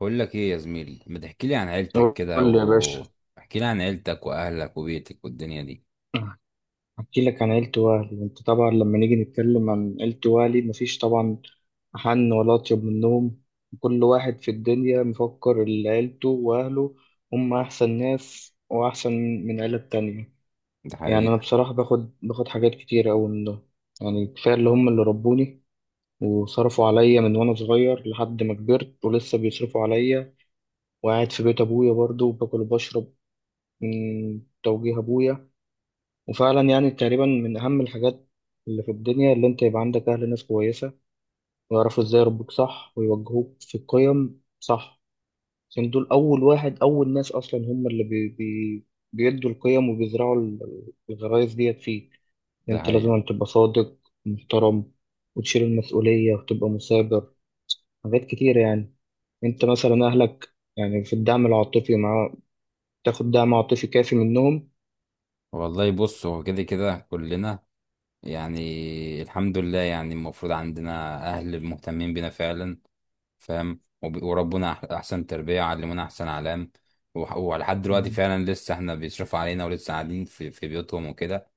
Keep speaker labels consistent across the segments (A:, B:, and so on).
A: بقول لك ايه يا زميلي، ما تحكي لي عن عيلتك
B: قول
A: كده
B: لي يا باشا.
A: و احكي لي عن عيلتك واهلك وبيتك والدنيا دي.
B: احكي لك عن عيلة والي، انت طبعا لما نيجي نتكلم عن عيلة والي مفيش طبعا أحن ولا أطيب منهم. كل واحد في الدنيا مفكر إن عيلته وأهله هم أحسن ناس وأحسن من عيلة تانية.
A: ده
B: يعني أنا
A: حقيقة.
B: بصراحة باخد حاجات كتير أوي منهم. يعني كفاية اللي هم اللي ربوني وصرفوا عليا من وأنا صغير لحد ما كبرت ولسه بيصرفوا عليا وقاعد في بيت أبويا برضه وباكل وبشرب من توجيه أبويا. وفعلا يعني تقريبا من أهم الحاجات اللي في الدنيا اللي أنت يبقى عندك أهل ناس كويسة ويعرفوا إزاي يربوك صح ويوجهوك في القيم صح. عشان دول أول واحد أول ناس أصلا هم اللي بي بي بيدوا القيم وبيزرعوا الغرايز ديت فيك.
A: ده
B: أنت
A: حقيقة.
B: لازم تبقى صادق، محترم، وتشيل المسؤولية وتبقى مثابر، حاجات كتيرة يعني. أنت مثلا أهلك، يعني في الدعم العاطفي، مع تاخد دعم عاطفي كافي منهم؟
A: والله بص، هو كده كده كلنا يعني الحمد لله. يعني المفروض عندنا اهل مهتمين بينا فعلا، فاهم. وربنا احسن تربية علمونا، احسن علام. ولحد دلوقتي
B: مم.
A: فعلا لسه احنا بيصرفوا علينا، ولسه قاعدين في بيوتهم وكده،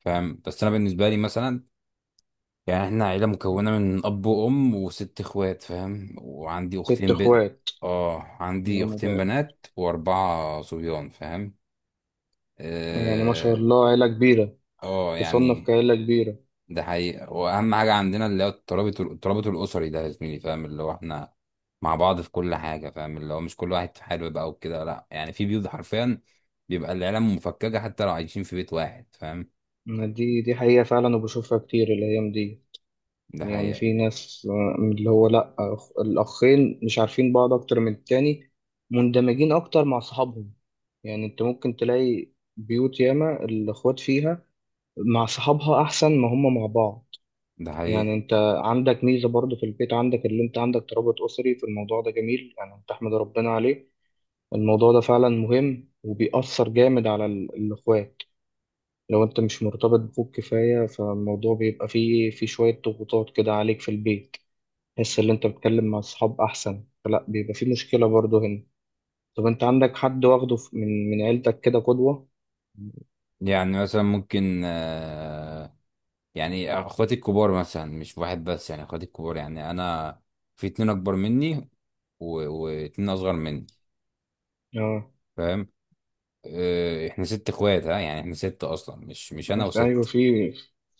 A: فاهم. بس انا بالنسبة لي مثلا يعني احنا عيلة مكونة من أب وأم وست إخوات، فاهم. وعندي
B: ست
A: أختين بنت.
B: إخوات؟
A: اه، عندي
B: الله
A: أختين
B: مبارك.
A: بنات وأربعة صبيان، فاهم.
B: يعني ما شاء
A: اه.
B: الله عيلة كبيرة،
A: آه،
B: تصنف
A: يعني
B: كعيلة كبيرة.
A: ده حقيقة. وأهم حاجة عندنا اللي هو الترابط، الترابط الأسري ده يا زميلي، فاهم. اللي هو احنا مع بعض في كل حاجة، فاهم. اللي هو مش كل واحد في حاله بقى وكده. لأ يعني في بيوت حرفيا بيبقى العيلة مفككة حتى لو عايشين في بيت واحد، فاهم.
B: ما دي حقيقة فعلا، وبشوفها كتير الأيام دي.
A: ده
B: يعني
A: حقيقة.
B: في ناس، اللي هو لأ، الأخين مش عارفين بعض أكتر من التاني، مندمجين أكتر مع صحابهم. يعني أنت ممكن تلاقي بيوت ياما الأخوات فيها مع صحابها أحسن ما هم مع بعض.
A: ده
B: يعني
A: حقيقة.
B: أنت عندك ميزة برضه في البيت، عندك اللي أنت عندك ترابط أسري في الموضوع ده، جميل يعني، تحمد ربنا عليه. الموضوع ده فعلا مهم وبيأثر جامد على الأخوات. لو انت مش مرتبط بأخوك كفاية فالموضوع بيبقى فيه شوية ضغوطات كده عليك في البيت، تحس ان انت بتتكلم مع اصحاب احسن، فلا بيبقى فيه مشكلة برضه هنا. طب انت عندك حد واخده من عيلتك كده قدوة؟
A: يعني مثلا ممكن، آه، يعني اخواتي الكبار مثلا، مش واحد بس، يعني اخواتي الكبار. يعني انا في اتنين اكبر مني و... واتنين اصغر مني،
B: اه.
A: فاهم. آه، احنا ست اخوات. ها يعني احنا ست اصلا، مش انا
B: ايوه،
A: وست.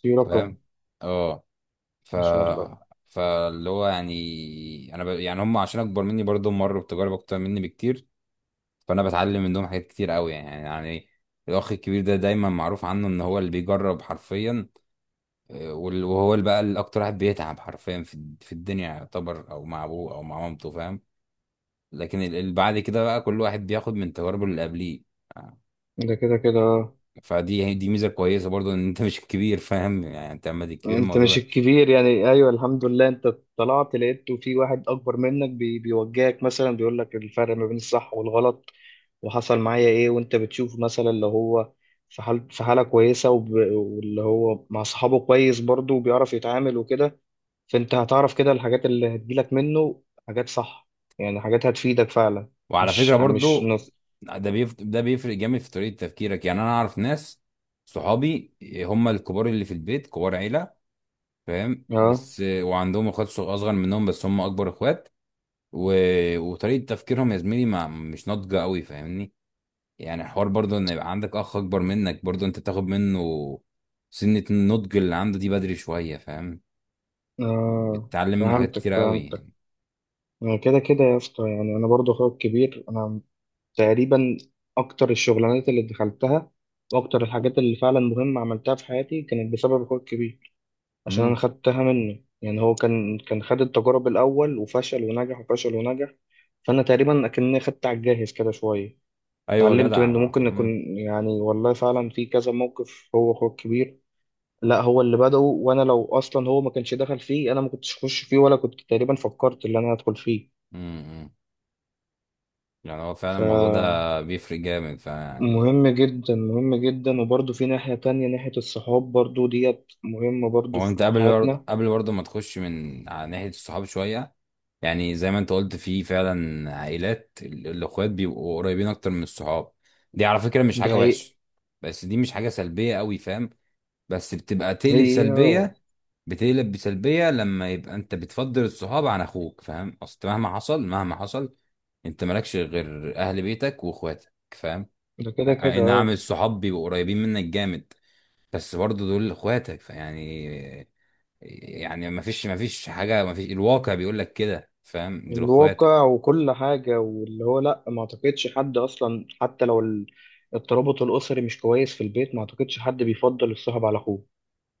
B: في رقم.
A: فاهم. اه. ف
B: ما شاء الله.
A: فاللي هو يعني انا ب... يعني هم، عشان اكبر مني برضه، مروا بتجارب اكتر مني بكتير، فانا بتعلم منهم حاجات كتير قوي. يعني الاخ الكبير ده دايما معروف عنه ان هو اللي بيجرب حرفيا. وهو اللي بقى اللي اكتر واحد بيتعب حرفيا في الدنيا يعتبر، او مع ابوه او مع مامته، فاهم. لكن اللي بعد كده بقى كل واحد بياخد من تجاربه اللي قبليه.
B: ده كده كده، اه.
A: فدي ميزه كويسه برضو ان انت مش الكبير، فاهم. يعني انت اما تبقى الكبير
B: انت
A: الموضوع
B: مش
A: بقى.
B: الكبير يعني، ايوه الحمد لله انت طلعت لقيت في واحد اكبر منك بيوجهك، مثلا بيقول لك الفرق ما بين الصح والغلط وحصل معايا ايه. وانت بتشوف مثلا اللي هو في حالة كويسة واللي هو مع صحابه كويس برضه وبيعرف يتعامل وكده. فانت هتعرف كده الحاجات اللي هتجيلك منه، حاجات صح، يعني حاجات هتفيدك فعلا.
A: وعلى فكره
B: مش
A: برضو،
B: نص.
A: ده بيفرق جامد في طريقه تفكيرك. يعني انا اعرف ناس، صحابي، هم الكبار اللي في البيت، كبار عيله، فاهم.
B: اه،
A: بس وعندهم اخوات اصغر منهم، بس هم اكبر اخوات و... وطريقه تفكيرهم يا زميلي ما مش ناضجه قوي، فاهمني. يعني حوار برضه ان يبقى عندك اخ اكبر منك، برضه انت بتاخد منه سنة النضج اللي عنده دي بدري شوية، فاهم.
B: اه.
A: بتتعلم منه حاجات
B: فهمتك
A: كتيرة قوي
B: فهمتك.
A: يعني.
B: يعني كده كده يا اسطى، يعني انا برضه اخويا الكبير، انا تقريبا اكتر الشغلانات اللي دخلتها واكتر الحاجات اللي فعلا مهمة عملتها في حياتي كانت بسبب اخويا الكبير. عشان انا
A: امم.
B: خدتها منه، يعني هو كان خد التجارب الاول وفشل ونجح وفشل ونجح، فانا تقريبا اكني خدت على الجاهز كده شويه.
A: ايوه
B: اتعلمت منه،
A: جدع.
B: ممكن نكون،
A: امم.
B: يعني والله فعلا في كذا موقف هو اخوه الكبير، لا هو اللي بدأه، وانا لو اصلا هو ما كانش دخل فيه انا ما كنتش اخش فيه ولا كنت تقريبا فكرت ان انا هدخل فيه.
A: امم. يعني هو فعلا الموضوع
B: فمهم
A: ده بيفرق جامد فيعني.
B: جدا، مهم جدا. وبرضه في ناحية تانية، ناحية الصحاب برضه ديت مهمة برضه
A: هو انت
B: في
A: قبل برضه،
B: حياتنا.
A: قبل برضه ما تخش من على ناحية الصحاب شوية، يعني زي ما انت قلت، في فعلا عائلات الاخوات بيبقوا قريبين اكتر من الصحاب. دي على فكرة مش
B: دي
A: حاجة
B: حقيقة.
A: وحشة، بس دي مش حاجة سلبية قوي، فاهم. بس بتبقى تقلب
B: هي اه.
A: سلبية. بتقلب بسلبية لما يبقى انت بتفضل الصحاب عن اخوك، فاهم. اصل مهما حصل، مهما حصل، انت مالكش غير اهل بيتك واخواتك، فاهم.
B: ده كده كده
A: اي نعم،
B: اه.
A: الصحاب بيبقوا قريبين منك جامد، بس برضه دول اخواتك فيعني. يعني ما فيش حاجة، ما فيش، الواقع بيقول لك كده، فاهم، دول اخواتك.
B: الواقع وكل حاجة، واللي هو لأ، ما أعتقدش حد أصلا، حتى لو الترابط الأسري مش كويس في البيت ما أعتقدش حد بيفضل الصاحب على أخوه.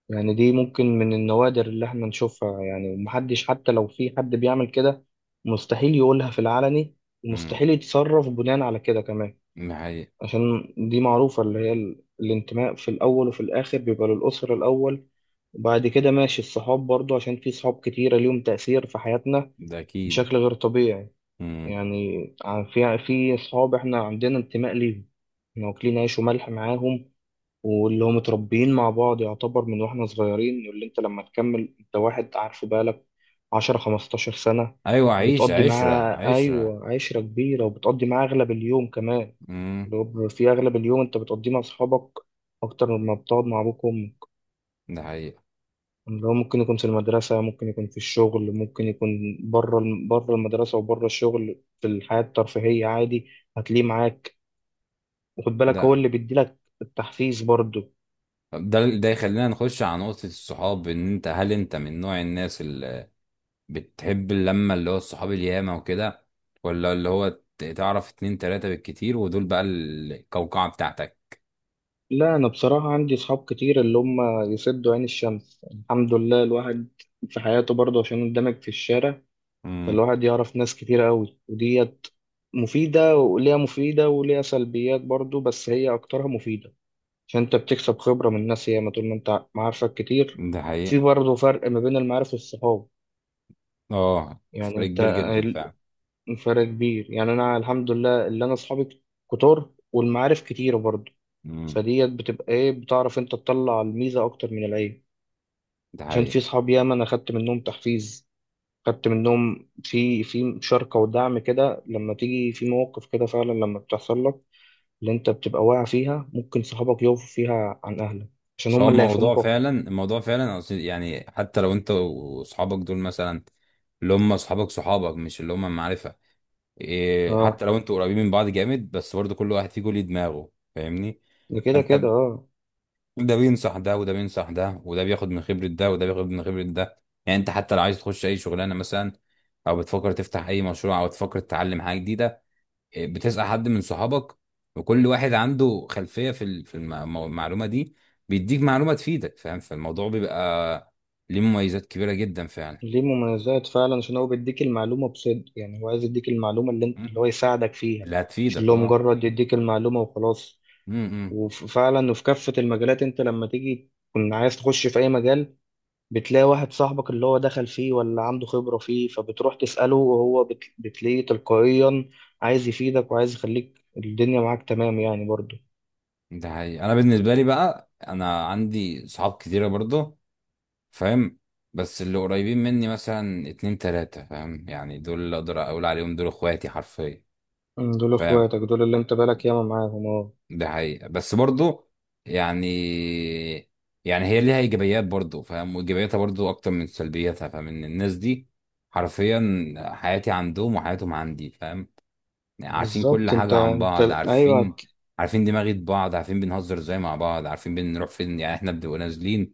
B: يعني دي ممكن من النوادر اللي إحنا نشوفها، يعني ومحدش، حتى لو في حد بيعمل كده مستحيل يقولها في العلني،
A: امم.
B: ومستحيل يتصرف بناء على كده كمان.
A: ده حقيقي.
B: عشان دي معروفة، اللي هي الانتماء في الأول، وفي الآخر بيبقى للأسرة الأول، وبعد كده ماشي الصحاب برضو، عشان في صحاب كتيرة ليهم تأثير في حياتنا
A: ده اكيد.
B: بشكل غير طبيعي.
A: امم.
B: يعني في أصحاب إحنا عندنا انتماء ليهم، إحنا واكلين عيش وملح معاهم، واللي هم متربيين مع بعض يعتبر من وإحنا صغيرين، واللي أنت لما تكمل أنت واحد عارفه بقالك عشرة خمستاشر سنة،
A: ايوه، عيش
B: بتقضي
A: عشرة،
B: معاه،
A: عشرة.
B: أيوة، عشرة كبيرة وبتقضي معاه أغلب اليوم كمان.
A: امم.
B: اللي هو في أغلب اليوم أنت بتقضيه مع أصحابك أكتر مما بتقعد مع أبوك وأمك.
A: ده حقيقي.
B: اللي هو ممكن يكون في المدرسة، ممكن يكون في الشغل، ممكن يكون بره المدرسة وبره الشغل في الحياة الترفيهية، عادي هتلاقيه معاك، وخد بالك هو
A: ده
B: اللي بيديلك التحفيز برضه.
A: ده ده يخلينا نخش على نقطة الصحاب. ان انت هل انت من نوع الناس اللي بتحب اللمة، اللي هو الصحاب الياما وكده، ولا اللي هو تعرف اتنين تلاتة بالكتير، ودول بقى القوقعة بتاعتك.
B: لا أنا بصراحة عندي أصحاب كتير اللي هم يسدوا عين الشمس، الحمد لله. الواحد في حياته برضه عشان اندمج في الشارع،
A: امم.
B: فالواحد يعرف ناس كتير قوي، وديت مفيدة وليها سلبيات برضه، بس هي أكترها مفيدة. عشان انت بتكسب خبرة من ناس ياما طول ما انت معارفك كتير.
A: ده
B: في
A: حقيقة.
B: برضه فرق ما بين المعارف والصحاب.
A: اه،
B: يعني
A: فرق
B: انت
A: كبير جدا فعلا.
B: فرق كبير، يعني انا الحمد لله اللي انا اصحابي كتار والمعارف كتيرة برضه.
A: امم.
B: فديت بتبقى ايه، بتعرف انت تطلع الميزة اكتر من العيب.
A: ده
B: عشان
A: حقيقة.
B: في صحاب ياما انا خدت منهم تحفيز، خدت منهم في مشاركة ودعم كده لما تيجي في مواقف، كده فعلا لما بتحصل لك. اللي انت بتبقى واقع فيها ممكن صحابك يقفوا فيها عن اهلك، عشان
A: بس هو
B: هم اللي
A: الموضوع
B: هيفهموك اكتر.
A: فعلا، الموضوع فعلا أصل يعني حتى لو انت واصحابك دول مثلا، اللي هم اصحابك، صحابك مش اللي هم معرفة. إيه، حتى
B: اه.
A: لو انتوا قريبين من بعض جامد، بس برضه كل واحد فيكم ليه دماغه، فاهمني.
B: ده كده
A: فانت
B: كده
A: ب-
B: اه.
A: ده بينصح ده، وده بينصح ده، وده بياخد من خبرة ده، وده بياخد من خبرة ده. يعني انت حتى لو عايز تخش اي شغلانة مثلا، او بتفكر تفتح اي مشروع، او تفكر تتعلم حاجة جديدة، إيه، بتسأل حد من صحابك، وكل واحد عنده خلفية في المعلومة دي، بيديك معلومة تفيدك، فاهم. فالموضوع بيبقى ليه مميزات كبيرة جدا فعلا.
B: ليه مميزات فعلا، عشان هو بيديك المعلومة بصدق، يعني هو عايز يديك المعلومة اللي انت اللي
A: مم.
B: هو يساعدك فيها،
A: اللي
B: مش
A: هتفيدك،
B: اللي هو
A: اه.
B: مجرد يديك المعلومة وخلاص.
A: مم، مم.
B: وفعلا، وفي كافة المجالات انت لما تيجي تكون عايز تخش في اي مجال بتلاقي واحد صاحبك اللي هو دخل فيه ولا عنده خبرة فيه، فبتروح تسأله، وهو بتلاقيه تلقائيا عايز يفيدك وعايز يخليك الدنيا معاك تمام يعني، برضه.
A: ده حقيقي. انا بالنسبه لي بقى انا عندي صحاب كتيره برضه، فاهم. بس اللي قريبين مني مثلا اتنين تلاته، فاهم. يعني دول اللي اقدر اقول عليهم دول اخواتي حرفيا،
B: مم، دول
A: فاهم.
B: اخواتك، دول اللي انت بالك ياما معاهم، اه.
A: ده حقيقي. بس برضه يعني، يعني هي ليها ايجابيات برضه، فاهم. وايجابياتها برضه اكتر من سلبياتها، فاهم. ان الناس دي حرفيا حياتي عندهم وحياتهم عندي، فاهم. يعني عارفين كل
B: بالظبط. انت
A: حاجة عن
B: انت
A: بعض،
B: ايوه،
A: عارفين، عارفين دماغة بعض، عارفين بنهزر ازاي مع بعض، عارفين بنروح فين. يعني احنا بنبقى نازلين،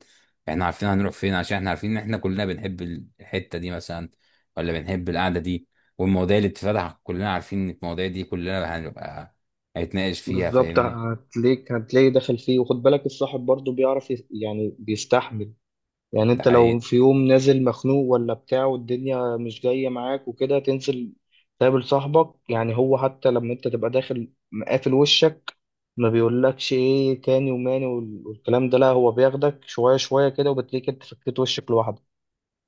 A: احنا عارفين هنروح فين، عشان احنا عارفين ان احنا كلنا بنحب الحتة دي مثلا، ولا بنحب القعدة دي، والمواضيع اللي بتتفتح كلنا عارفين ان المواضيع دي كلنا هنبقى هنتناقش فيها،
B: بالظبط.
A: فاهمني.
B: هتلاقي داخل فيه. وخد بالك الصاحب برضه بيعرف يعني بيستحمل. يعني
A: ده
B: انت لو
A: حقيقي.
B: في يوم نازل مخنوق ولا بتاع والدنيا مش جاية معاك وكده، تنزل تقابل صاحبك، يعني هو حتى لما انت تبقى داخل مقافل وشك ما بيقولكش ايه تاني وماني والكلام ده، لا هو بياخدك شوية شوية كده وبتلاقيك انت فكيت وشك لوحدك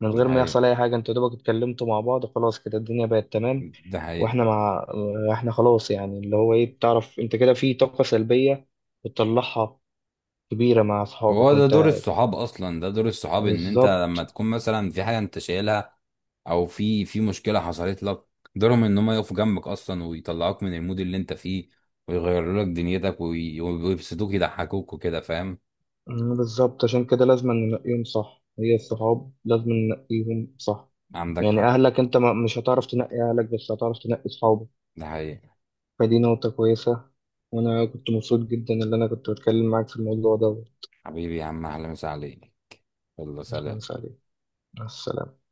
B: من
A: ده
B: غير ما
A: حقيقي.
B: يحصل اي حاجه، انتوا دوبك اتكلمتوا مع بعض خلاص كده الدنيا بقت تمام.
A: ده حقيقي.
B: واحنا مع احنا خلاص، يعني اللي هو ايه، بتعرف انت كده في طاقه سلبيه بتطلعها كبيره مع اصحابك
A: هو ده دور
B: وانت.
A: الصحاب اصلا. ده دور الصحاب ان انت
B: بالظبط.
A: لما تكون مثلا في حاجة انت شايلها، او في مشكله حصلت لك، قدرهم ان هم يقفوا جنبك اصلا ويطلعوك من المود اللي انت فيه، ويغيروا لك دنيتك ويبسطوك، يضحكوك وكده، فاهم.
B: مم، بالظبط، عشان كده لازم ننقيهم صح، هي الصحاب لازم ننقيهم صح.
A: عندك
B: يعني
A: حق.
B: اهلك انت مش هتعرف تنقي اهلك، بس هتعرف تنقي صحابك،
A: ده حقيقي.
B: فدي نقطه كويسه. وانا كنت مبسوط جدا ان انا كنت بتكلم معاك في الموضوع ده.
A: حبيبي يا عم، اهلا وسهلا عليك. يلا
B: أهلاً
A: سلام.
B: وسهلاً. مع السلامه.